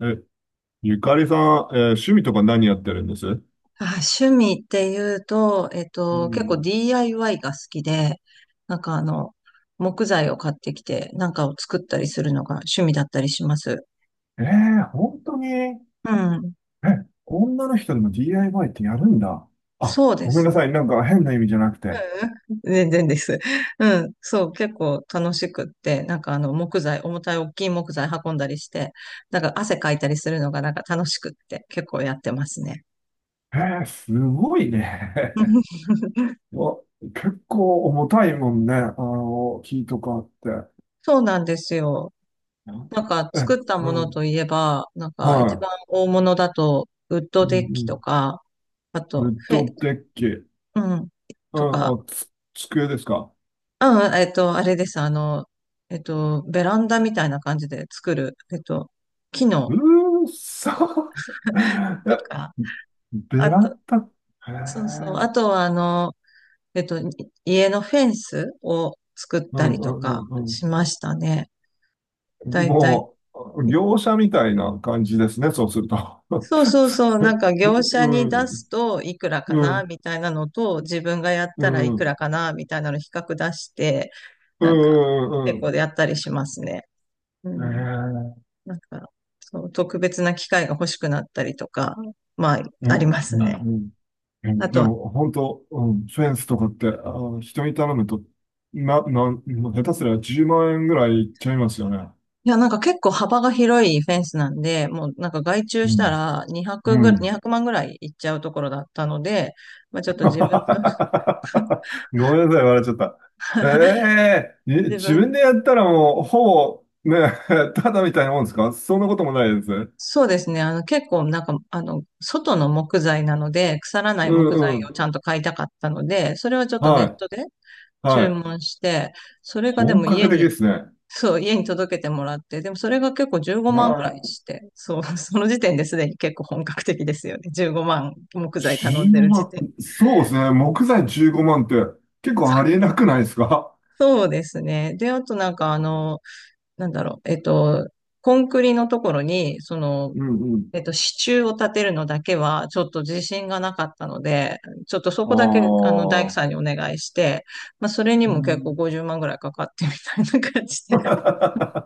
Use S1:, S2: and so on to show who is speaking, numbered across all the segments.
S1: え、ゆかりさん、趣味とか何やってるんです？
S2: あ、趣味っていうと、
S1: う
S2: 結構
S1: ん。
S2: DIY が好きで、なんかあの、木材を買ってきて、なんかを作ったりするのが趣味だったりします。
S1: ええ本当に、
S2: うん。
S1: 女の人でも DIY ってやるんだ。あ、
S2: そうで
S1: ごめん
S2: すね。
S1: な
S2: うんう
S1: さい。なんか変な意味じゃなくて。
S2: ん全然です。うん。そう、結構楽しくって、木材、重たい大きい木材運んだりして、なんか汗かいたりするのがなんか楽しくって、結構やってますね。
S1: ええすごいね。わ、結構重たいもんね。あの、木とかって。
S2: そうなんですよ。なんか
S1: え、
S2: 作った
S1: う
S2: ものと
S1: ん。
S2: いえば、なんか一
S1: は
S2: 番大物だと、ウッ
S1: い。う
S2: ドデッキと
S1: ん
S2: か、あ
S1: うん。ウ
S2: と、
S1: ッ
S2: フェ、
S1: ドデッキ。う
S2: うん、
S1: ん、
S2: とか、
S1: あ、机ですか？
S2: うん、えっと、あれです、ベランダみたいな感じで作る、木の
S1: うーそ。
S2: と
S1: え、
S2: か、
S1: ベ
S2: あ
S1: ラ
S2: と、
S1: ンダ、へ
S2: そうそう、あ
S1: え、
S2: とはあの、えっと、い家のフェンスを作っ
S1: う
S2: たり
S1: んう
S2: とか
S1: んうん
S2: しましたね。
S1: う
S2: だ
S1: ん。
S2: いたい
S1: もう、業者みたいな感じですね、そうすると。
S2: そうそう そう、なんか業
S1: う
S2: 者に出
S1: ん、
S2: すといくらか
S1: う
S2: な
S1: ん、
S2: みたいなのと、自分がやっ
S1: う
S2: たらい
S1: ん、う
S2: く
S1: ん、
S2: らかなみたいなの比較出して、
S1: う
S2: なんか
S1: ん、う
S2: 結構
S1: ん。
S2: やったりしますね。うん。
S1: ね
S2: なんか、そう、特別な機械が欲しくなったりとか、まあ、
S1: え、う
S2: あり
S1: ん、
S2: ます
S1: う
S2: ね。
S1: ん、う
S2: あ
S1: ん。で
S2: とは、
S1: も、本当、うん、フェンスとかって、人に頼むと、もう下手すりゃ10万円ぐらいいっちゃいますよね。
S2: いや、なんか結構幅が広いフェンスなんで、もうなんか外注
S1: う
S2: した
S1: ん、
S2: ら
S1: うん。
S2: 200万ぐらいいっちゃうところだったので、まあちょっと自分の、
S1: ごめんなさい、笑っちゃった。ええに
S2: 自
S1: 自分
S2: 分
S1: でやったらもう、ほぼ、ね、ただみたいなもんですか？そんなこともないですね。
S2: そうですね。あの、結構なんか、あの、外の木材なので、腐らない
S1: う
S2: 木
S1: ん
S2: 材
S1: う
S2: を
S1: ん。
S2: ちゃんと買いたかったので、それはちょっとネ
S1: は
S2: ット
S1: い。
S2: で
S1: は
S2: 注
S1: い。
S2: 文して、それがで
S1: 本
S2: も家
S1: 格的で
S2: に、
S1: すね。
S2: そう、家に届けてもらって、でもそれが結構15
S1: う
S2: 万ぐらい
S1: わ、
S2: して、そう、その時点ですでに結構本格的ですよね。15万木材頼んでる時
S1: 万。
S2: 点。
S1: そうですね。木材15万って結構
S2: そ
S1: あり
S2: う、
S1: えなくないですか？
S2: そうですね。で、あとなんかあの、なんだろう、えっと、コンクリのところに、
S1: うんうん。
S2: 支柱を立てるのだけは、ちょっと自信がなかったので、ちょっとそこだけ、
S1: あ
S2: あの、大工さ
S1: あ。
S2: んにお願いして、まあ、それに
S1: う
S2: も結構
S1: ん。
S2: 50万ぐらいかかってみたいな感じで、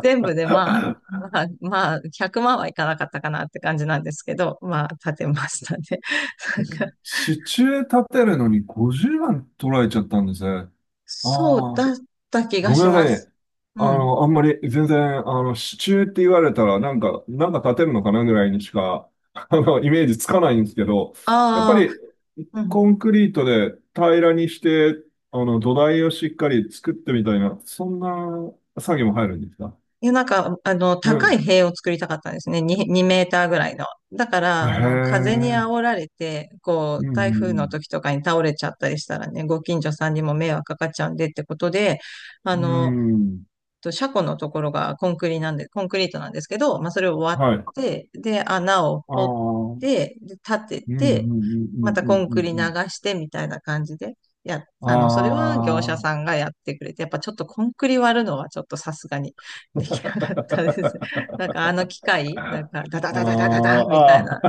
S2: 全部でまあ、まあ、まあ、100万はいかなかったかなって感じなんですけど、まあ、立てましたね。なんか
S1: 支柱立てるのに50万取られちゃったんですね。
S2: そう
S1: ああ。
S2: だった気が
S1: ごめ
S2: し
S1: んなさい
S2: ま
S1: ね。
S2: す。うん。
S1: あんまり全然、支柱って言われたら、なんか立てるのかなぐらいにしか、イメージつかないんですけど、やっぱ
S2: あ
S1: り、
S2: あ、うん。
S1: コンクリートで平らにして、土台をしっかり作ってみたいな、そんな作業も入るんですか？
S2: いや、
S1: う
S2: 高い
S1: ん。
S2: 塀を作りたかったんですね。2メーターぐらいの。だから、
S1: へ
S2: あの、風に
S1: え。
S2: 煽られて、こう、
S1: う
S2: 台風の
S1: ん、
S2: 時とかに倒れちゃったりしたらね、ご近所さんにも迷惑かかっちゃうんでってことで、あ
S1: うん、う
S2: の、
S1: ん。うん、
S2: 車庫のところがコンクリなんで、コンクリートなんですけど、まあ、それを割
S1: はい。あ
S2: って、で、穴を
S1: あ。
S2: 掘っ
S1: うん、
S2: て、で、立て
S1: うん、うん、う
S2: て、
S1: ん、う
S2: また
S1: ん、う
S2: コン
S1: ん。う
S2: クリ流
S1: ん、
S2: してみたいな感じで、
S1: あ
S2: あの、それは業者さんがやってくれて、やっぱちょっとコンクリ割るのはちょっとさすがに できなかったです。なん
S1: あ。
S2: かあの機械、なんかダダ
S1: あ
S2: ダダダダダみたい
S1: あ、
S2: な、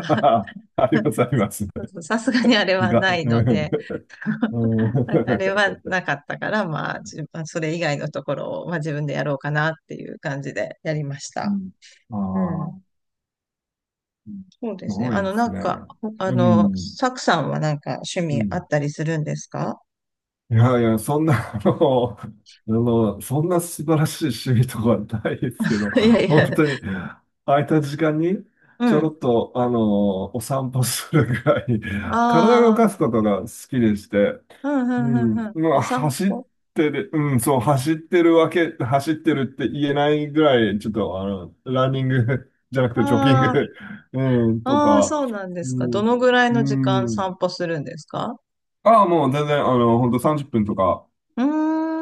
S1: ああ、あります、あります。
S2: さすがにあれは
S1: う
S2: ないの
S1: ん、
S2: で、
S1: う
S2: ああれ
S1: ん、
S2: はなかったから、まあ、それ以外のところを、まあ、自分でやろうかなっていう感じでやりました。
S1: あ
S2: うん。
S1: あ、うん、
S2: そうで
S1: す
S2: すね。
S1: ごい
S2: あ
S1: で
S2: の、な
S1: す
S2: ん
S1: ね。
S2: か、ほあ
S1: う
S2: の、
S1: ん、
S2: サクさんはなんか趣
S1: う
S2: 味あっ
S1: ん。
S2: たりするんですか？
S1: いやいや、そんな、そんな素晴らしい趣味とかはないですけど、
S2: いやいや、
S1: 本当に、空いた時間に、
S2: う
S1: ちょろ
S2: ん。
S1: っと、お散歩するぐらい、体を動
S2: ああ、
S1: かすことが好きでして、
S2: うん、う
S1: う
S2: ん、うん、う
S1: ん。
S2: ん。
S1: ま
S2: お
S1: あ、
S2: 散
S1: 走っ
S2: 歩、
S1: てる、うん、そう、走ってるわけ、走ってるって言えないぐらい、ちょっと、ランニング じゃなくて、ジョギン
S2: あ
S1: グ うん、と
S2: あ、ああ、
S1: か、
S2: そうなんで
S1: う
S2: すか。ど
S1: ん、
S2: のぐらい
S1: う
S2: の時間
S1: ん。
S2: 散歩するんですか？
S1: ああ、もう全然、ほんと30分とか、
S2: うー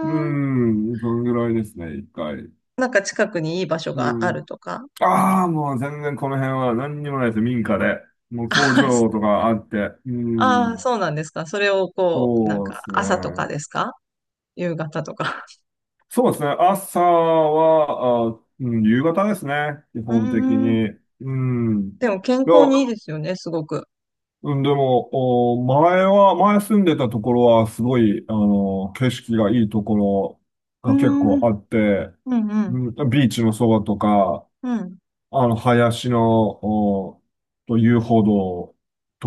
S1: う
S2: ん。
S1: ん、そのぐらいですね、一回。
S2: なんか近くにいい場所
S1: う
S2: があ
S1: ん。
S2: るとか？うんで、
S1: ああ、もう全然この辺は何にもないです、民家で。もう工場と かあって、う
S2: ああ、
S1: ん、
S2: そうなんですか。それをこう、なん
S1: そうで
S2: か
S1: すね。
S2: 朝とかですか？夕方とか。
S1: そうですね。朝は、あ、うん、夕方ですね。基
S2: う
S1: 本的
S2: ーん。
S1: に。うん。
S2: でも健
S1: いや、
S2: 康にいいですよね、すごく。
S1: うん、でも、前住んでたところは、すごい、景色がいいところ
S2: うー
S1: が結構
S2: ん。
S1: あって、
S2: うんう
S1: う
S2: ん。
S1: ん、ビーチのそばとか、
S2: うん。
S1: 林の、お、と遊歩道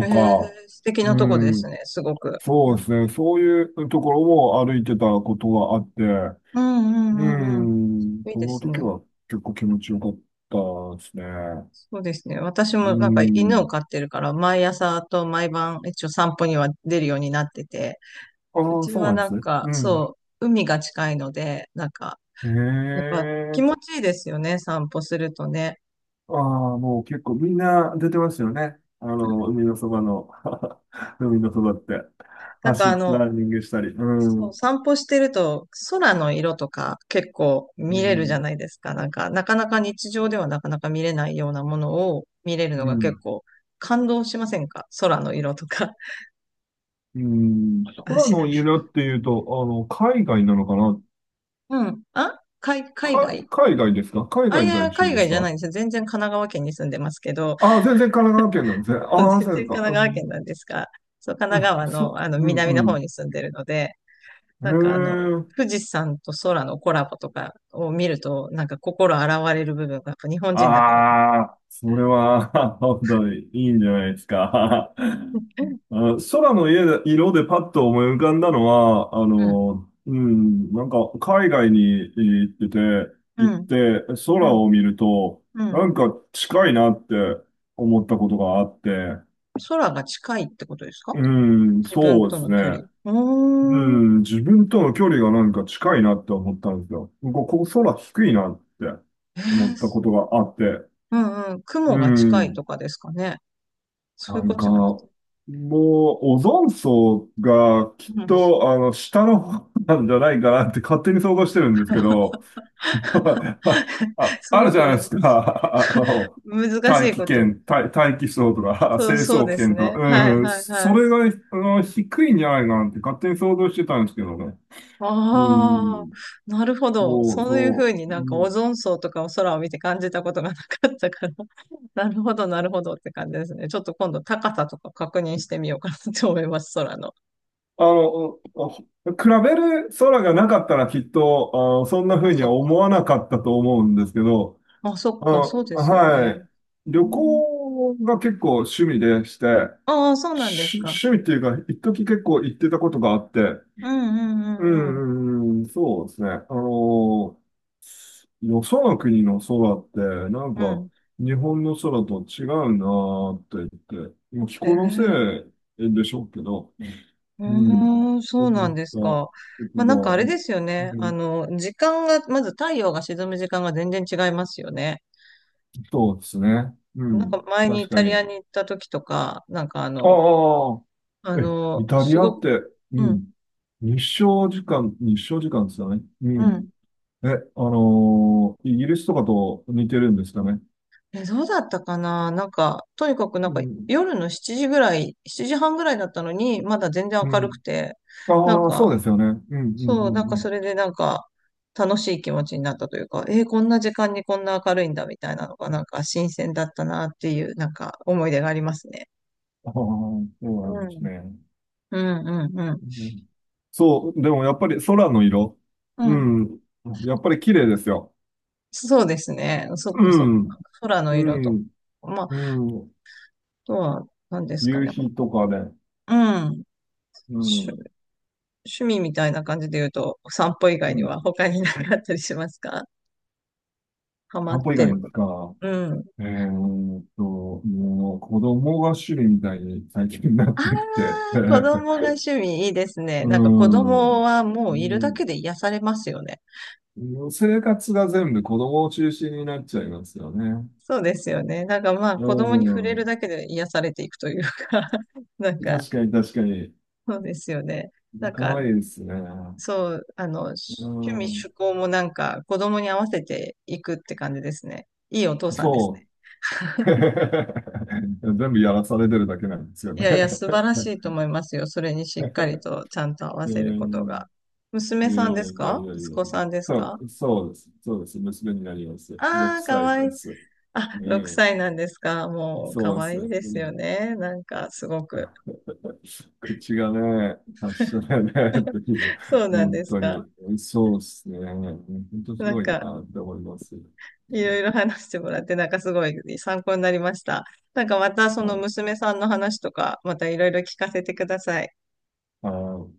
S2: ええ、
S1: か、
S2: 素敵な
S1: う
S2: とこです
S1: ん、
S2: ね、すごく。う
S1: そうで
S2: ん
S1: すね。そういうところも歩いてたことがあって、う
S2: うん
S1: ー
S2: うんうんう
S1: ん、
S2: ん。いい
S1: そ
S2: で
S1: の
S2: す
S1: 時
S2: ね。
S1: は結構気持ちよかったですね。う
S2: そうですね。私
S1: ー
S2: もなんか犬を
S1: ん。
S2: 飼ってるから、毎朝と毎晩一応散歩には出るようになってて、う
S1: ああ、
S2: ち
S1: そう
S2: は
S1: なんで
S2: なん
S1: すね。
S2: か
S1: うん。
S2: そう、海が近いので、なんか
S1: へ
S2: やっぱ気
S1: え。
S2: 持ちいいですよね、散歩するとね。
S1: ああ、もう結構みんな出てますよね。海のそばの、海のそばって、
S2: なんかあの、
S1: ランニングしたり。う
S2: そ
S1: ん。
S2: う散歩してると空の色とか結構
S1: う
S2: 見れるじゃ
S1: ん。
S2: ないですか。なんか、なかなか日常ではなかなか見れないようなものを見れるの
S1: う
S2: が結
S1: ん。
S2: 構感動しませんか？空の色とか。
S1: うん。
S2: あ、
S1: 空
S2: しな
S1: の
S2: い。
S1: 家だっていうと、海外なのかな？
S2: うん。あ、海、海外、
S1: 海外ですか？海
S2: あ、い
S1: 外
S2: やい
S1: 在
S2: や、
S1: 住
S2: 海
S1: で
S2: 外
S1: す
S2: じゃない
S1: か？
S2: んですよ。全然神奈川県に住んでますけど、
S1: ああ、全然神奈川県なんですね。
S2: 全
S1: ああ、
S2: 然
S1: そうです
S2: 神
S1: か。
S2: 奈
S1: う
S2: 川県なん
S1: ん。
S2: ですが、そう、神
S1: う
S2: 奈
S1: ん、
S2: 川の、
S1: そ
S2: あの、
S1: う、
S2: 南
S1: う
S2: の方
S1: ん、
S2: に住んでるので、
S1: う
S2: なんかあの、
S1: ん。へえ。
S2: 富士山と空のコラボとかを見ると、なんか心洗われる部分がやっぱ日本人だからな。
S1: ああ、それは、本当にいいんじゃないですか。あ、空の家で色でパッと思い浮かんだのは、
S2: うん、
S1: うん、なんか海外に行ってて、
S2: う
S1: 行っ
S2: ん、
S1: て
S2: う
S1: 空
S2: ん、
S1: を見ると、
S2: う
S1: な
S2: ん。
S1: んか近いなって思ったことがあって、
S2: 空が近いってことですか？
S1: うん、
S2: 自分
S1: そうで
S2: と
S1: す
S2: の
S1: ね。
S2: 距離。う
S1: う
S2: ーん。
S1: ん、自分との距離がなんか近いなって思ったんですよ。ここ空低いなって
S2: え
S1: 思った
S2: ー
S1: ことがあって。
S2: うんうん。
S1: う
S2: 雲が近いと
S1: ん。
S2: かですかね。そう
S1: な
S2: いうこ
S1: ん
S2: と
S1: か、
S2: じゃなく
S1: も
S2: て。
S1: う、オゾン層がきっ
S2: うん、
S1: と、下の方なんじゃないかなって勝手に想像してるんですけど、あ、
S2: す
S1: ある
S2: ご
S1: じ
S2: く
S1: ゃないで
S2: 難
S1: す
S2: しい。
S1: か。
S2: 難し
S1: 大
S2: い
S1: 気
S2: こと。
S1: 圏、大気層とか、
S2: そう、
S1: 成
S2: そう
S1: 層
S2: です
S1: 圏と
S2: ね。
S1: か、
S2: はい
S1: うん、
S2: はい
S1: そ
S2: はい。
S1: れが、低いんじゃないかなって勝手に想像してたんですけどね。う
S2: ああ、
S1: ん。
S2: なるほど。
S1: そう
S2: そういうふう
S1: そ
S2: に
S1: う。う
S2: なんかオ
S1: ん、
S2: ゾン層とかを空を見て感じたことがなかったから。なるほど、なるほどって感じですね。ちょっと今度高さとか確認してみようかなと思います、空の。
S1: あの、あ比べる空がなかったらきっと、そんな
S2: あ、
S1: 風に
S2: そ
S1: は
S2: っ
S1: 思
S2: か。
S1: わなかったと思うんですけど、
S2: あ、そっか、そうですよ
S1: は
S2: ね。
S1: い。旅行が結構趣味でして、
S2: ああー、そうなんですか。
S1: 趣味っていうか、一時結構行ってたことがあって、
S2: うんう
S1: う
S2: んうんうん。
S1: ん、うん、そうですね。よその国の空って、なん
S2: う
S1: か、
S2: ん。
S1: 日本の空と違うなーって言って、もう気
S2: え
S1: 候のせ
S2: え
S1: いでしょうけど、
S2: う
S1: うん。
S2: ーん、
S1: ち
S2: そ
S1: ょ
S2: う
S1: っ
S2: なんです
S1: と、
S2: か。
S1: ちょっ
S2: まあなんかあ
S1: と、
S2: れですよ
S1: う
S2: ね。あ
S1: ん、
S2: の、時間が、まず太陽が沈む時間が全然違いますよね。
S1: そうですね。う
S2: なん
S1: ん。
S2: か前にイ
S1: 確か
S2: タリア
S1: に。
S2: に行った時とか、
S1: ああ、え、イタリ
S2: す
S1: アっ
S2: ごく、
S1: て？う
S2: うん、
S1: ん。日照時間ですよね。う
S2: う
S1: ん。
S2: ん。
S1: え、イギリスとかと似てるんですかね？
S2: え、どうだったかな、なんか、とにかくな
S1: う
S2: んか
S1: ん。
S2: 夜の7時ぐらい、7時半ぐらいだったのに、まだ全然
S1: う
S2: 明るく
S1: ん。
S2: て、なん
S1: ああ、そうで
S2: か、
S1: すよね。うん、うん、う
S2: そう、なんか
S1: ん、
S2: それでなんか、楽しい気持ちになったというか、えーこんな時間にこんな明るいんだみたいなのが、なんか新鮮だったなっていう、なんか思い出がありますね。
S1: うん。ああ、そうなん
S2: う
S1: です
S2: ん。
S1: ね。
S2: うん、うん、うん。
S1: うん、そう、でもやっぱり空の色。
S2: う
S1: う
S2: ん。
S1: ん。やっぱり綺麗ですよ。
S2: そうですね。そっ
S1: う
S2: かそっ
S1: ん。
S2: か。空の
S1: う
S2: 色と
S1: ん。
S2: か。まあ
S1: うん。
S2: とは、何ですか
S1: 夕
S2: ね。
S1: 日とかで、
S2: うん。趣、
S1: うん。
S2: 趣味みたいな感じで言うと、お散歩以外
S1: う
S2: に
S1: ん。
S2: は他になかったりしますか？ハマっ
S1: 散歩以
S2: て
S1: 外
S2: る。
S1: にですか？
S2: うん。
S1: えーっと、もう子供が主類みたいに最近になっ
S2: あ
S1: てきて、
S2: あ、子供が 趣味いいですね。
S1: う
S2: なんか子
S1: ん。
S2: 供はも
S1: う
S2: ういるだけ
S1: ん。
S2: で癒されますよね。
S1: 生活が全部子供を中心になっちゃいますよね。
S2: そうですよね。なんかまあ
S1: う
S2: 子供に触れるだ
S1: ん。
S2: けで癒されていくというか なんか
S1: 確かに確かに。
S2: そうですよね。なん
S1: 可
S2: か
S1: 愛いですね。
S2: 趣
S1: う
S2: 味
S1: ん。
S2: 趣向もなんか子供に合わせていくって感じですね。いいお父さんですね。
S1: そう。全部やらされてるだけなんですよ
S2: い
S1: ね。
S2: やいや、素晴 らしいと思いますよ。それにしっかりとちゃんと合わ
S1: う
S2: せること
S1: ん、
S2: が。娘
S1: いや
S2: さん
S1: い
S2: で
S1: や
S2: す
S1: いやい
S2: か？
S1: や
S2: 息
S1: いやい
S2: 子さんで
S1: や。
S2: す
S1: そ
S2: か？
S1: う、そうです。そうです。娘になります。
S2: あ
S1: 6
S2: あー、か
S1: 歳
S2: わい
S1: で
S2: い。
S1: す。う
S2: あ、6
S1: ん。
S2: 歳なんですか？もう、か
S1: そうで
S2: わい
S1: す。
S2: いで
S1: う
S2: すよ
S1: ん。
S2: ね。なんか、すごく。
S1: 口がね、発症だね、っていう。
S2: そうなん
S1: 本
S2: です
S1: 当
S2: か。
S1: に。そうですね。本当す
S2: なん
S1: ごい
S2: か、
S1: なって思います。う
S2: いろ
S1: ん、
S2: いろ話してもらって、なんかすごい参考になりました。なんか、またその娘さんの話とか、またいろいろ聞かせてください。
S1: はい。